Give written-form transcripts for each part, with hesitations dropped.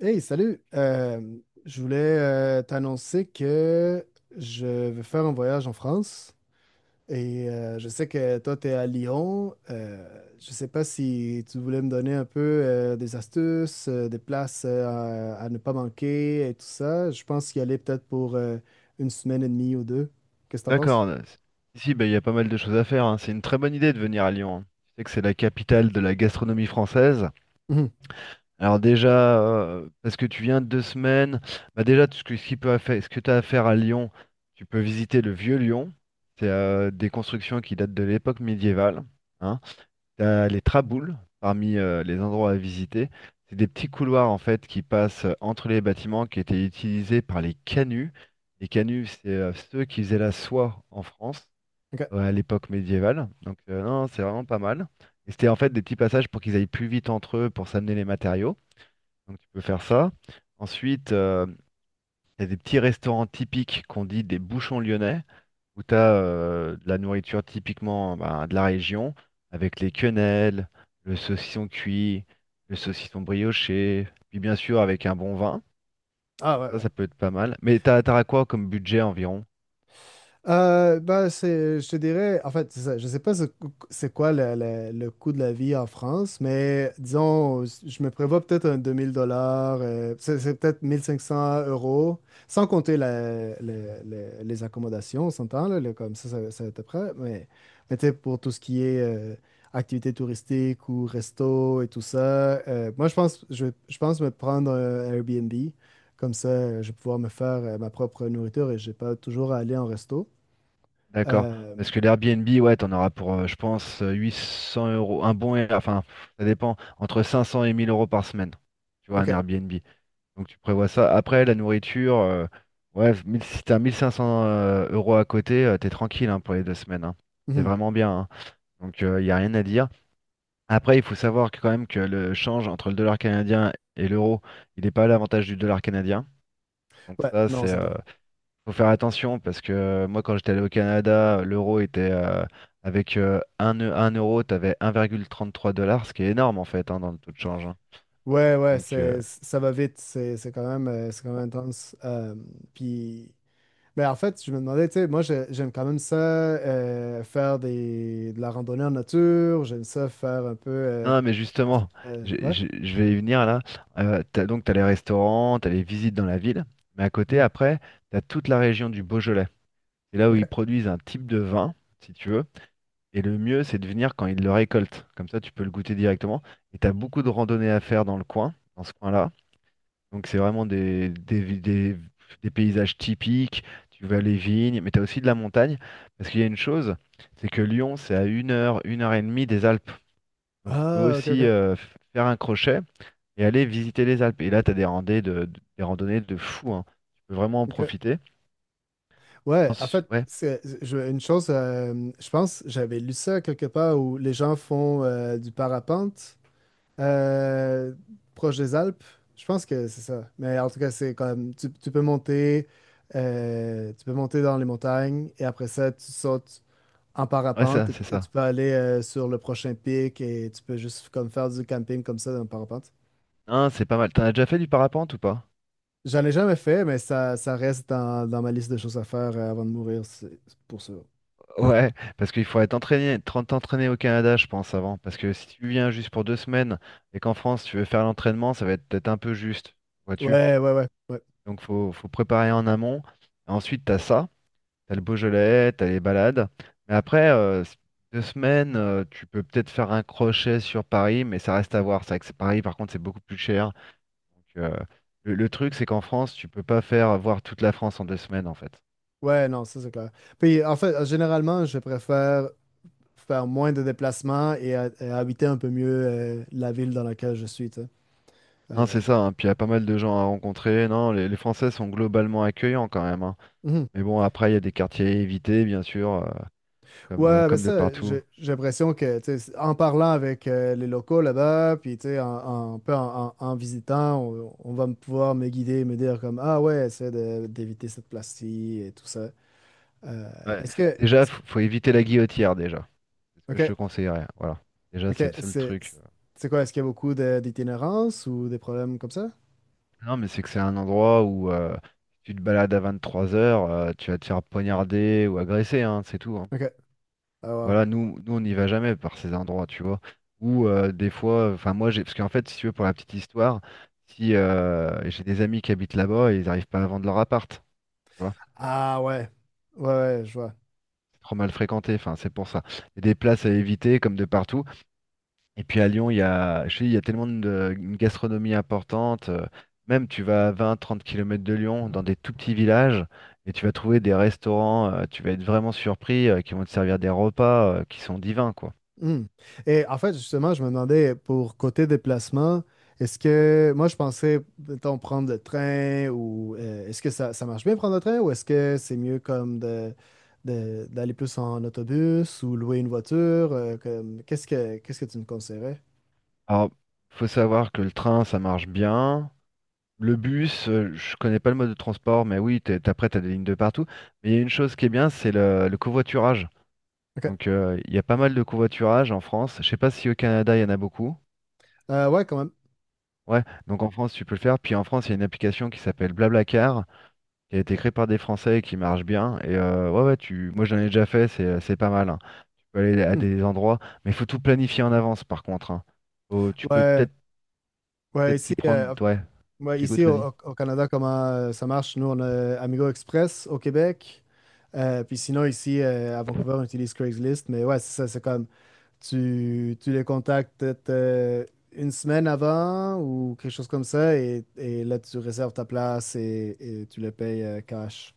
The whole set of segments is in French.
Hey, salut! Je voulais t'annoncer que je vais faire un voyage en France et je sais que toi, tu es à Lyon. Je sais pas si tu voulais me donner un peu des astuces, des places à ne pas manquer et tout ça. Je pense y aller peut-être pour une semaine et demie ou deux. Qu'est-ce que t'en D'accord. penses? Ici, bah, il y a pas mal de choses à faire, hein. C'est une très bonne idée de venir à Lyon, hein. Tu sais que c'est la capitale de la gastronomie française. Mhm. Alors déjà, parce que tu viens de deux semaines, bah déjà, ce que tu as à faire à Lyon, tu peux visiter le vieux Lyon. C'est des constructions qui datent de l'époque médiévale. Hein. T'as les traboules parmi les endroits à visiter. C'est des petits couloirs en fait qui passent entre les bâtiments qui étaient utilisés par les canuts. Les canuts, c'est ceux qui faisaient la soie en France, OK. ouais, à l'époque médiévale. Donc non, c'est vraiment pas mal. Et c'était en fait des petits passages pour qu'ils aillent plus vite entre eux pour s'amener les matériaux. Donc tu peux faire ça. Ensuite, il y a des petits restaurants typiques qu'on dit des bouchons lyonnais, où tu as de la nourriture typiquement ben, de la région, avec les quenelles, le saucisson cuit, le saucisson brioché, puis bien sûr avec un bon vin. Ah Donc ouais, ça, ouais. ça peut être pas mal. Mais t'auras quoi comme budget environ? Je te dirais, en fait, c'est ça. Je sais pas c'est quoi le coût de la vie en France, mais disons, je me prévois peut-être un 2 000 dollars, c'est peut-être 1 500 euros, sans compter les accommodations, on s'entend, comme ça va être prêt, mais tu sais, pour tout ce qui est activités touristiques ou resto et tout ça, moi, je pense, je pense me prendre un Airbnb, comme ça, je vais pouvoir me faire ma propre nourriture et j'ai pas toujours à aller en resto. D'accord. Euh, Parce que l'Airbnb, ouais, t'en auras pour, je pense, 800 euros. Enfin, ça dépend, entre 500 et 1000 euros par semaine. Tu vois, un ok. Airbnb. Donc tu prévois ça. Après, la nourriture, ouais, 1000 si t'as 1500 euros à côté, t'es tranquille, hein, pour les deux semaines, hein. C'est Mhm. vraiment bien, hein. Donc il n'y a rien à dire. Après, il faut savoir que, quand même, que le change entre le dollar canadien et l'euro, il n'est pas à l'avantage du dollar canadien. Donc Ouais, ça, non, c'est ça t'a. Faut faire attention parce que moi, quand j'étais allé au Canada, l'euro était avec 1 euro, t'avais 1,33 dollars, ce qui est énorme en fait, hein, dans le taux de change, hein. Ouais, ouais, Donc, ça va vite. C'est quand même, c'est quand même intense. Puis, ben en fait, je me demandais, tu sais, moi, j'aime quand même ça, faire de la randonnée en nature. J'aime ça faire un peu. Non, mais justement, Ouais. Je vais y venir là. Donc, t'as les restaurants, t'as les visites dans la ville, mais à côté, Mhm. après, t'as toute la région du Beaujolais. C'est là où ils Ok. produisent un type de vin, si tu veux. Et le mieux, c'est de venir quand il le récolte. Comme ça, tu peux le goûter directement. Et tu as beaucoup de randonnées à faire dans le coin, dans ce coin-là. Donc, c'est vraiment des paysages typiques. Tu vois les vignes, mais tu as aussi de la montagne. Parce qu'il y a une chose, c'est que Lyon, c'est à une heure et demie des Alpes. Donc, tu peux Ah, ok, aussi ok. Faire un crochet et aller visiter les Alpes. Et là, tu as des randonnées de fou, hein. Tu peux vraiment en Ok. profiter. Ouais, en fait, Ouais, une chose, je pense, j'avais lu ça quelque part où les gens font du parapente. Euh, proche des Alpes, je pense que c'est ça. Mais en tout cas, c'est comme tu peux monter dans les montagnes et après ça, tu sautes en ouais, ça, parapente c'est et tu ça. peux aller sur le prochain pic et tu peux juste comme faire du camping comme ça dans le parapente. Hein, c'est pas mal. T'en as déjà fait du parapente ou pas? J'en ai jamais fait, mais ça reste dans ma liste de choses à faire avant de mourir, c'est pour ça. Ouais, parce qu'il faudrait t'entraîner, t'entraîner au Canada, je pense, avant. Parce que si tu viens juste pour deux semaines et qu'en France tu veux faire l'entraînement, ça va être peut-être un peu juste, vois-tu? Ouais, ouais, ouais, ouais. Donc faut préparer en amont. Ensuite, t'as ça, t'as le Beaujolais, t'as les balades. Mais après, deux semaines, tu peux peut-être faire un crochet sur Paris, mais ça reste à voir. C'est vrai que Paris, par contre, c'est beaucoup plus cher. Donc, le truc, c'est qu'en France, tu peux pas faire voir toute la France en deux semaines, en fait. Ouais, non, ça c'est clair. Puis en fait, généralement, je préfère faire moins de déplacements et habiter un peu mieux la ville dans laquelle je suis, tu sais. Non, Euh, c'est ça, hein. Puis il y a pas mal de gens à rencontrer. Non, les Français sont globalement accueillants quand même, hein. mhm. Mais bon, après, il y a des quartiers à éviter, bien sûr, Ouais, ben comme de ça, partout. J'ai l'impression que, tu sais, en parlant avec les locaux là-bas, puis, tu sais, un peu en visitant, on va me pouvoir me guider, me dire comme, ah ouais, d'éviter cette place-ci et tout ça. Euh, Ouais. est-ce que... Déjà, faut éviter la Guillotière, déjà. C'est ce que je OK, te conseillerais. Voilà. Déjà, OK, c'est le seul c'est... truc. C'est quoi, est-ce qu'il y a beaucoup d'itinérance ou des problèmes comme ça? Non, mais c'est que c'est un endroit où si tu te balades à trois heures, tu vas te faire poignarder ou agresser, hein, c'est tout, hein. OK. Ah, wow. Voilà, nous, nous on n'y va jamais par ces endroits, tu vois. Ou des fois, enfin moi j'ai, parce qu'en fait, si tu veux, pour la petite histoire, si j'ai des amis qui habitent là-bas et ils n'arrivent pas à vendre leur appart, tu vois, Ah ouais. Ouais, ouais, je vois. c'est trop mal fréquenté, enfin c'est pour ça. Il y a des places à éviter comme de partout. Et puis à Lyon, il y a, je te dis, il y a tellement de une gastronomie importante. Même tu vas à 20-30 km de Lyon, dans des tout petits villages, et tu vas trouver des restaurants, tu vas être vraiment surpris, qui vont te servir des repas qui sont divins, quoi. Hmm. Et en fait, justement, je me demandais pour côté déplacement, est-ce que moi je pensais, mettons, prendre le train ou est-ce que ça marche bien prendre le train ou est-ce que c'est mieux comme d'aller plus en autobus ou louer une voiture? Qu'est-ce que tu me conseillerais? Alors, faut savoir que le train, ça marche bien. Le bus, je connais pas le mode de transport, mais oui, t'as après, t'as des lignes de partout. Mais il y a une chose qui est bien, c'est le covoiturage. OK. Donc, il y a pas mal de covoiturage en France. Je sais pas si au Canada, il y en a beaucoup. Ouais, quand même. Ouais, donc en France, tu peux le faire. Puis en France, il y a une application qui s'appelle BlaBlaCar, qui a été créée par des Français et qui marche bien. Et ouais, ouais, tu... moi, j'en ai déjà fait, c'est pas mal, hein. Tu peux aller à Hmm. des endroits, mais il faut tout planifier en avance, par contre, hein. Tu peux Ouais, peut-être ouais, peut-être ici, t'y prendre. euh, Ouais, ouais, j'écoute, ici vas-y. Au Canada, comment ça marche? Nous, on a Amigo Express au Québec. Puis sinon, ici, à Vancouver, on utilise Craigslist. Mais ouais, c'est ça, c'est comme tu les contactes peut-être une semaine avant ou quelque chose comme ça et là tu réserves ta place et tu les payes cash.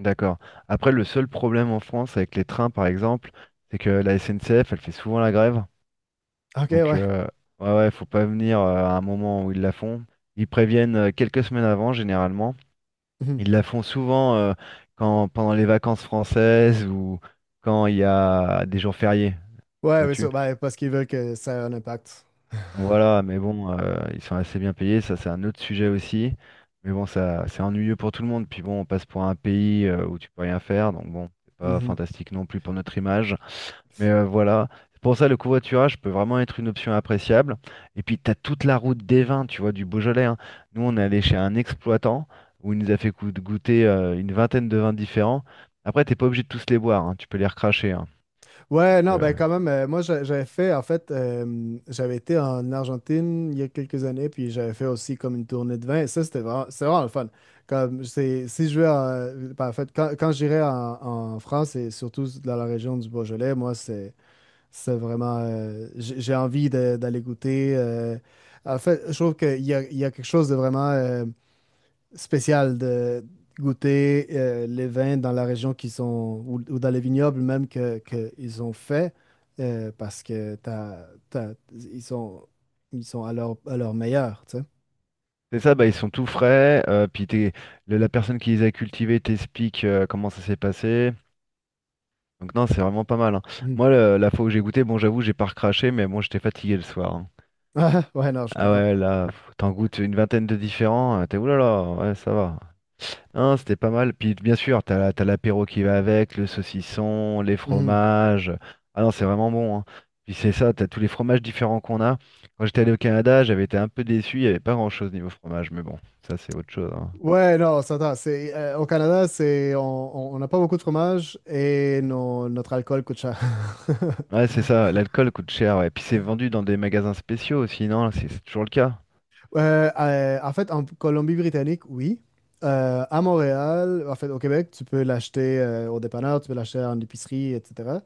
D'accord. Après, le seul problème en France avec les trains, par exemple, c'est que la SNCF, elle fait souvent la grève. Ok, Donc, ouais. Ouais, ouais, faut pas venir à un moment où ils la font. Ils préviennent quelques semaines avant, généralement. Mhm. Ils la font souvent pendant les vacances françaises ou quand il y a des jours fériés, Ouais, oui, vois-tu. sûr. Ben, parce qu'ils veulent que ça ait un impact. Voilà, mais bon, ils sont assez bien payés. Ça, c'est un autre sujet aussi. Mais bon, ça, c'est ennuyeux pour tout le monde. Puis bon, on passe pour un pays où tu peux rien faire. Donc bon, c'est pas Mhm. fantastique non plus pour notre image. Mais voilà, c'est pour ça le covoiturage peut vraiment être une option appréciable. Et puis tu as toute la route des vins, tu vois, du Beaujolais, hein. Nous, on est allé chez un exploitant où il nous a fait goûter une vingtaine de vins différents. Après, t'es pas obligé de tous les boire, hein, tu peux les recracher, hein, parce Ouais, que non, ben quand même, moi j'avais fait, en fait, j'avais été en Argentine il y a quelques années, puis j'avais fait aussi comme une tournée de vin, et ça c'est vraiment le fun. Si je vais en, ben, en fait, quand j'irai en France, et surtout dans la région du Beaujolais, moi c'est. C'est vraiment. J'ai envie d'aller goûter. En fait, je trouve qu'il y a quelque chose de vraiment spécial de goûter les vins dans la région qui sont, ou dans les vignobles même que ils ont fait, parce que ils sont à leur meilleur, tu sais. c'est ça, bah, ils sont tout frais. Puis la personne qui les a cultivés t'explique comment ça s'est passé. Donc non, c'est vraiment pas mal, hein. Mhm. Moi, la fois où j'ai goûté, bon, j'avoue, j'ai pas recraché, mais bon, j'étais fatigué le soir, hein. Ah, ouais, non, je Ah comprends. ouais, là, pff, t'en goûtes une vingtaine de différents, t'es oulala, ouais, ça va. Non, c'était pas mal. Puis bien sûr, t'as l'apéro qui va avec, le saucisson, les Mhm. fromages. Ah non, c'est vraiment bon, hein. Puis c'est ça, t'as tous les fromages différents qu'on a. Quand j'étais allé au Canada, j'avais été un peu déçu, il n'y avait pas grand-chose niveau fromage, mais bon, ça c'est autre chose, hein. Ouais, non, ça va, c'est au Canada, c'est on n'a pas beaucoup de fromage et notre alcool coûte cher. Ouais, c'est ça, l'alcool coûte cher, ouais. Puis c'est vendu dans des magasins spéciaux aussi, non? C'est toujours le cas. En fait, en Colombie-Britannique, oui. À Montréal, en fait, au Québec, tu peux l'acheter au dépanneur, tu peux l'acheter en épicerie, etc.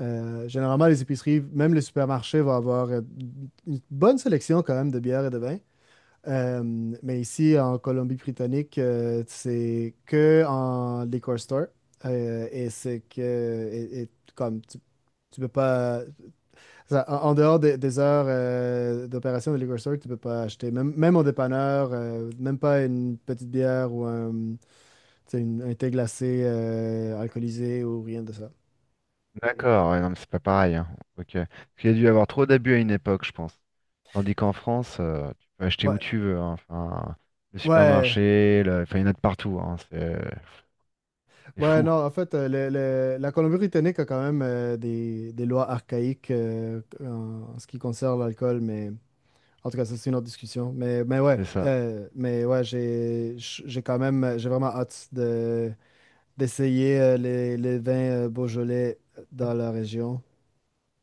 Généralement, les épiceries, même les supermarchés vont avoir une bonne sélection quand même de bières et de vins. Euh, mais ici, en Colombie-Britannique, c'est que en liquor store. Et c'est que, et comme tu peux pas, ça, en, en dehors des heures d'opération de liquor store, tu peux pas acheter, même au dépanneur, même pas une petite bière ou tu sais, un thé glacé alcoolisé ou rien de ça. D'accord, ouais, non, mais c'est pas pareil, hein. Ok. Parce qu'il y a dû y avoir trop d'abus à une époque, je pense. Tandis qu'en France, tu peux acheter où Ouais, tu veux, hein. Enfin, le ouais, supermarché, enfin, il y en a de partout, hein. C'est ouais, fou, non, en fait, la Colombie-Britannique a quand même des lois archaïques en ce qui concerne l'alcool, mais en tout cas, ça, c'est une autre discussion. C'est ça. J'ai quand même, j'ai vraiment hâte d'essayer les vins Beaujolais dans la région.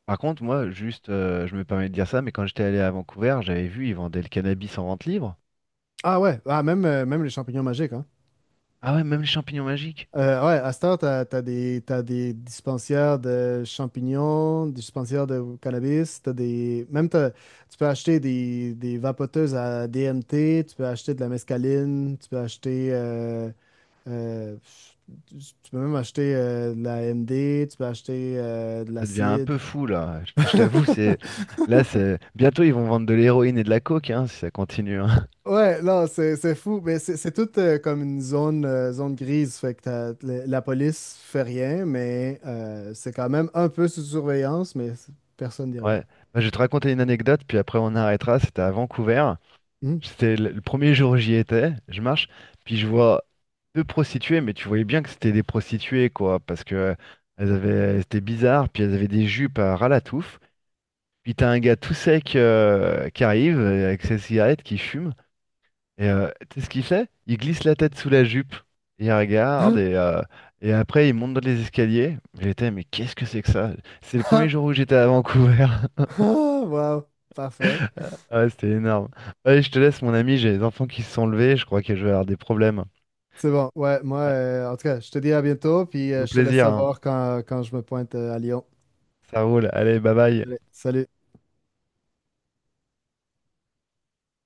Par contre, moi, juste, je me permets de dire ça, mais quand j'étais allé à Vancouver, j'avais vu, ils vendaient le cannabis en vente libre. Ah ouais, ah, même, même les champignons magiques, hein. Ah ouais, même les champignons magiques. Ouais, à Star, t'as des dispensaires de champignons, des dispensaires de cannabis, t'as des... Même tu peux acheter des vapoteuses à DMT, tu peux acheter de la mescaline, tu peux acheter... euh, tu tu peux même acheter de la MD, tu peux acheter de Ça devient un l'acide. peu fou, là. Je t'avoue, c'est. Là, c'est. Bientôt, ils vont vendre de l'héroïne et de la coke, hein, si ça continue, hein. Ouais, non, c'est fou, mais c'est tout comme une zone, zone grise, fait que la police fait rien, mais c'est quand même un peu sous surveillance, mais personne dit rien. Ouais. Bah, je vais te raconter une anecdote, puis après, on arrêtera. C'était à Vancouver. Hmm. C'était le premier jour j'y étais, je marche, puis je vois deux prostituées, mais tu voyais bien que c'était des prostituées, quoi, parce que elles étaient bizarres, puis elles avaient des jupes à ras la touffe. Puis t'as un gars tout sec qui arrive avec sa cigarette, qui fume, et tu sais ce qu'il fait? Il glisse la tête sous la jupe, il regarde, et après il monte dans les escaliers. J'étais, mais qu'est-ce que c'est que ça? C'est le premier Ah, jour où j'étais à Vancouver. ah, Wow, parfait. Ah, ouais, c'était énorme. Allez, je te laisse, mon ami, j'ai les enfants qui se sont levés, je crois que je vais avoir des problèmes. C'est bon, ouais, moi, en tout cas, je te dis à bientôt, puis Au je te laisse plaisir, hein. savoir quand je me pointe à Lyon. Ça roule. Allez, bye bye. Allez, salut.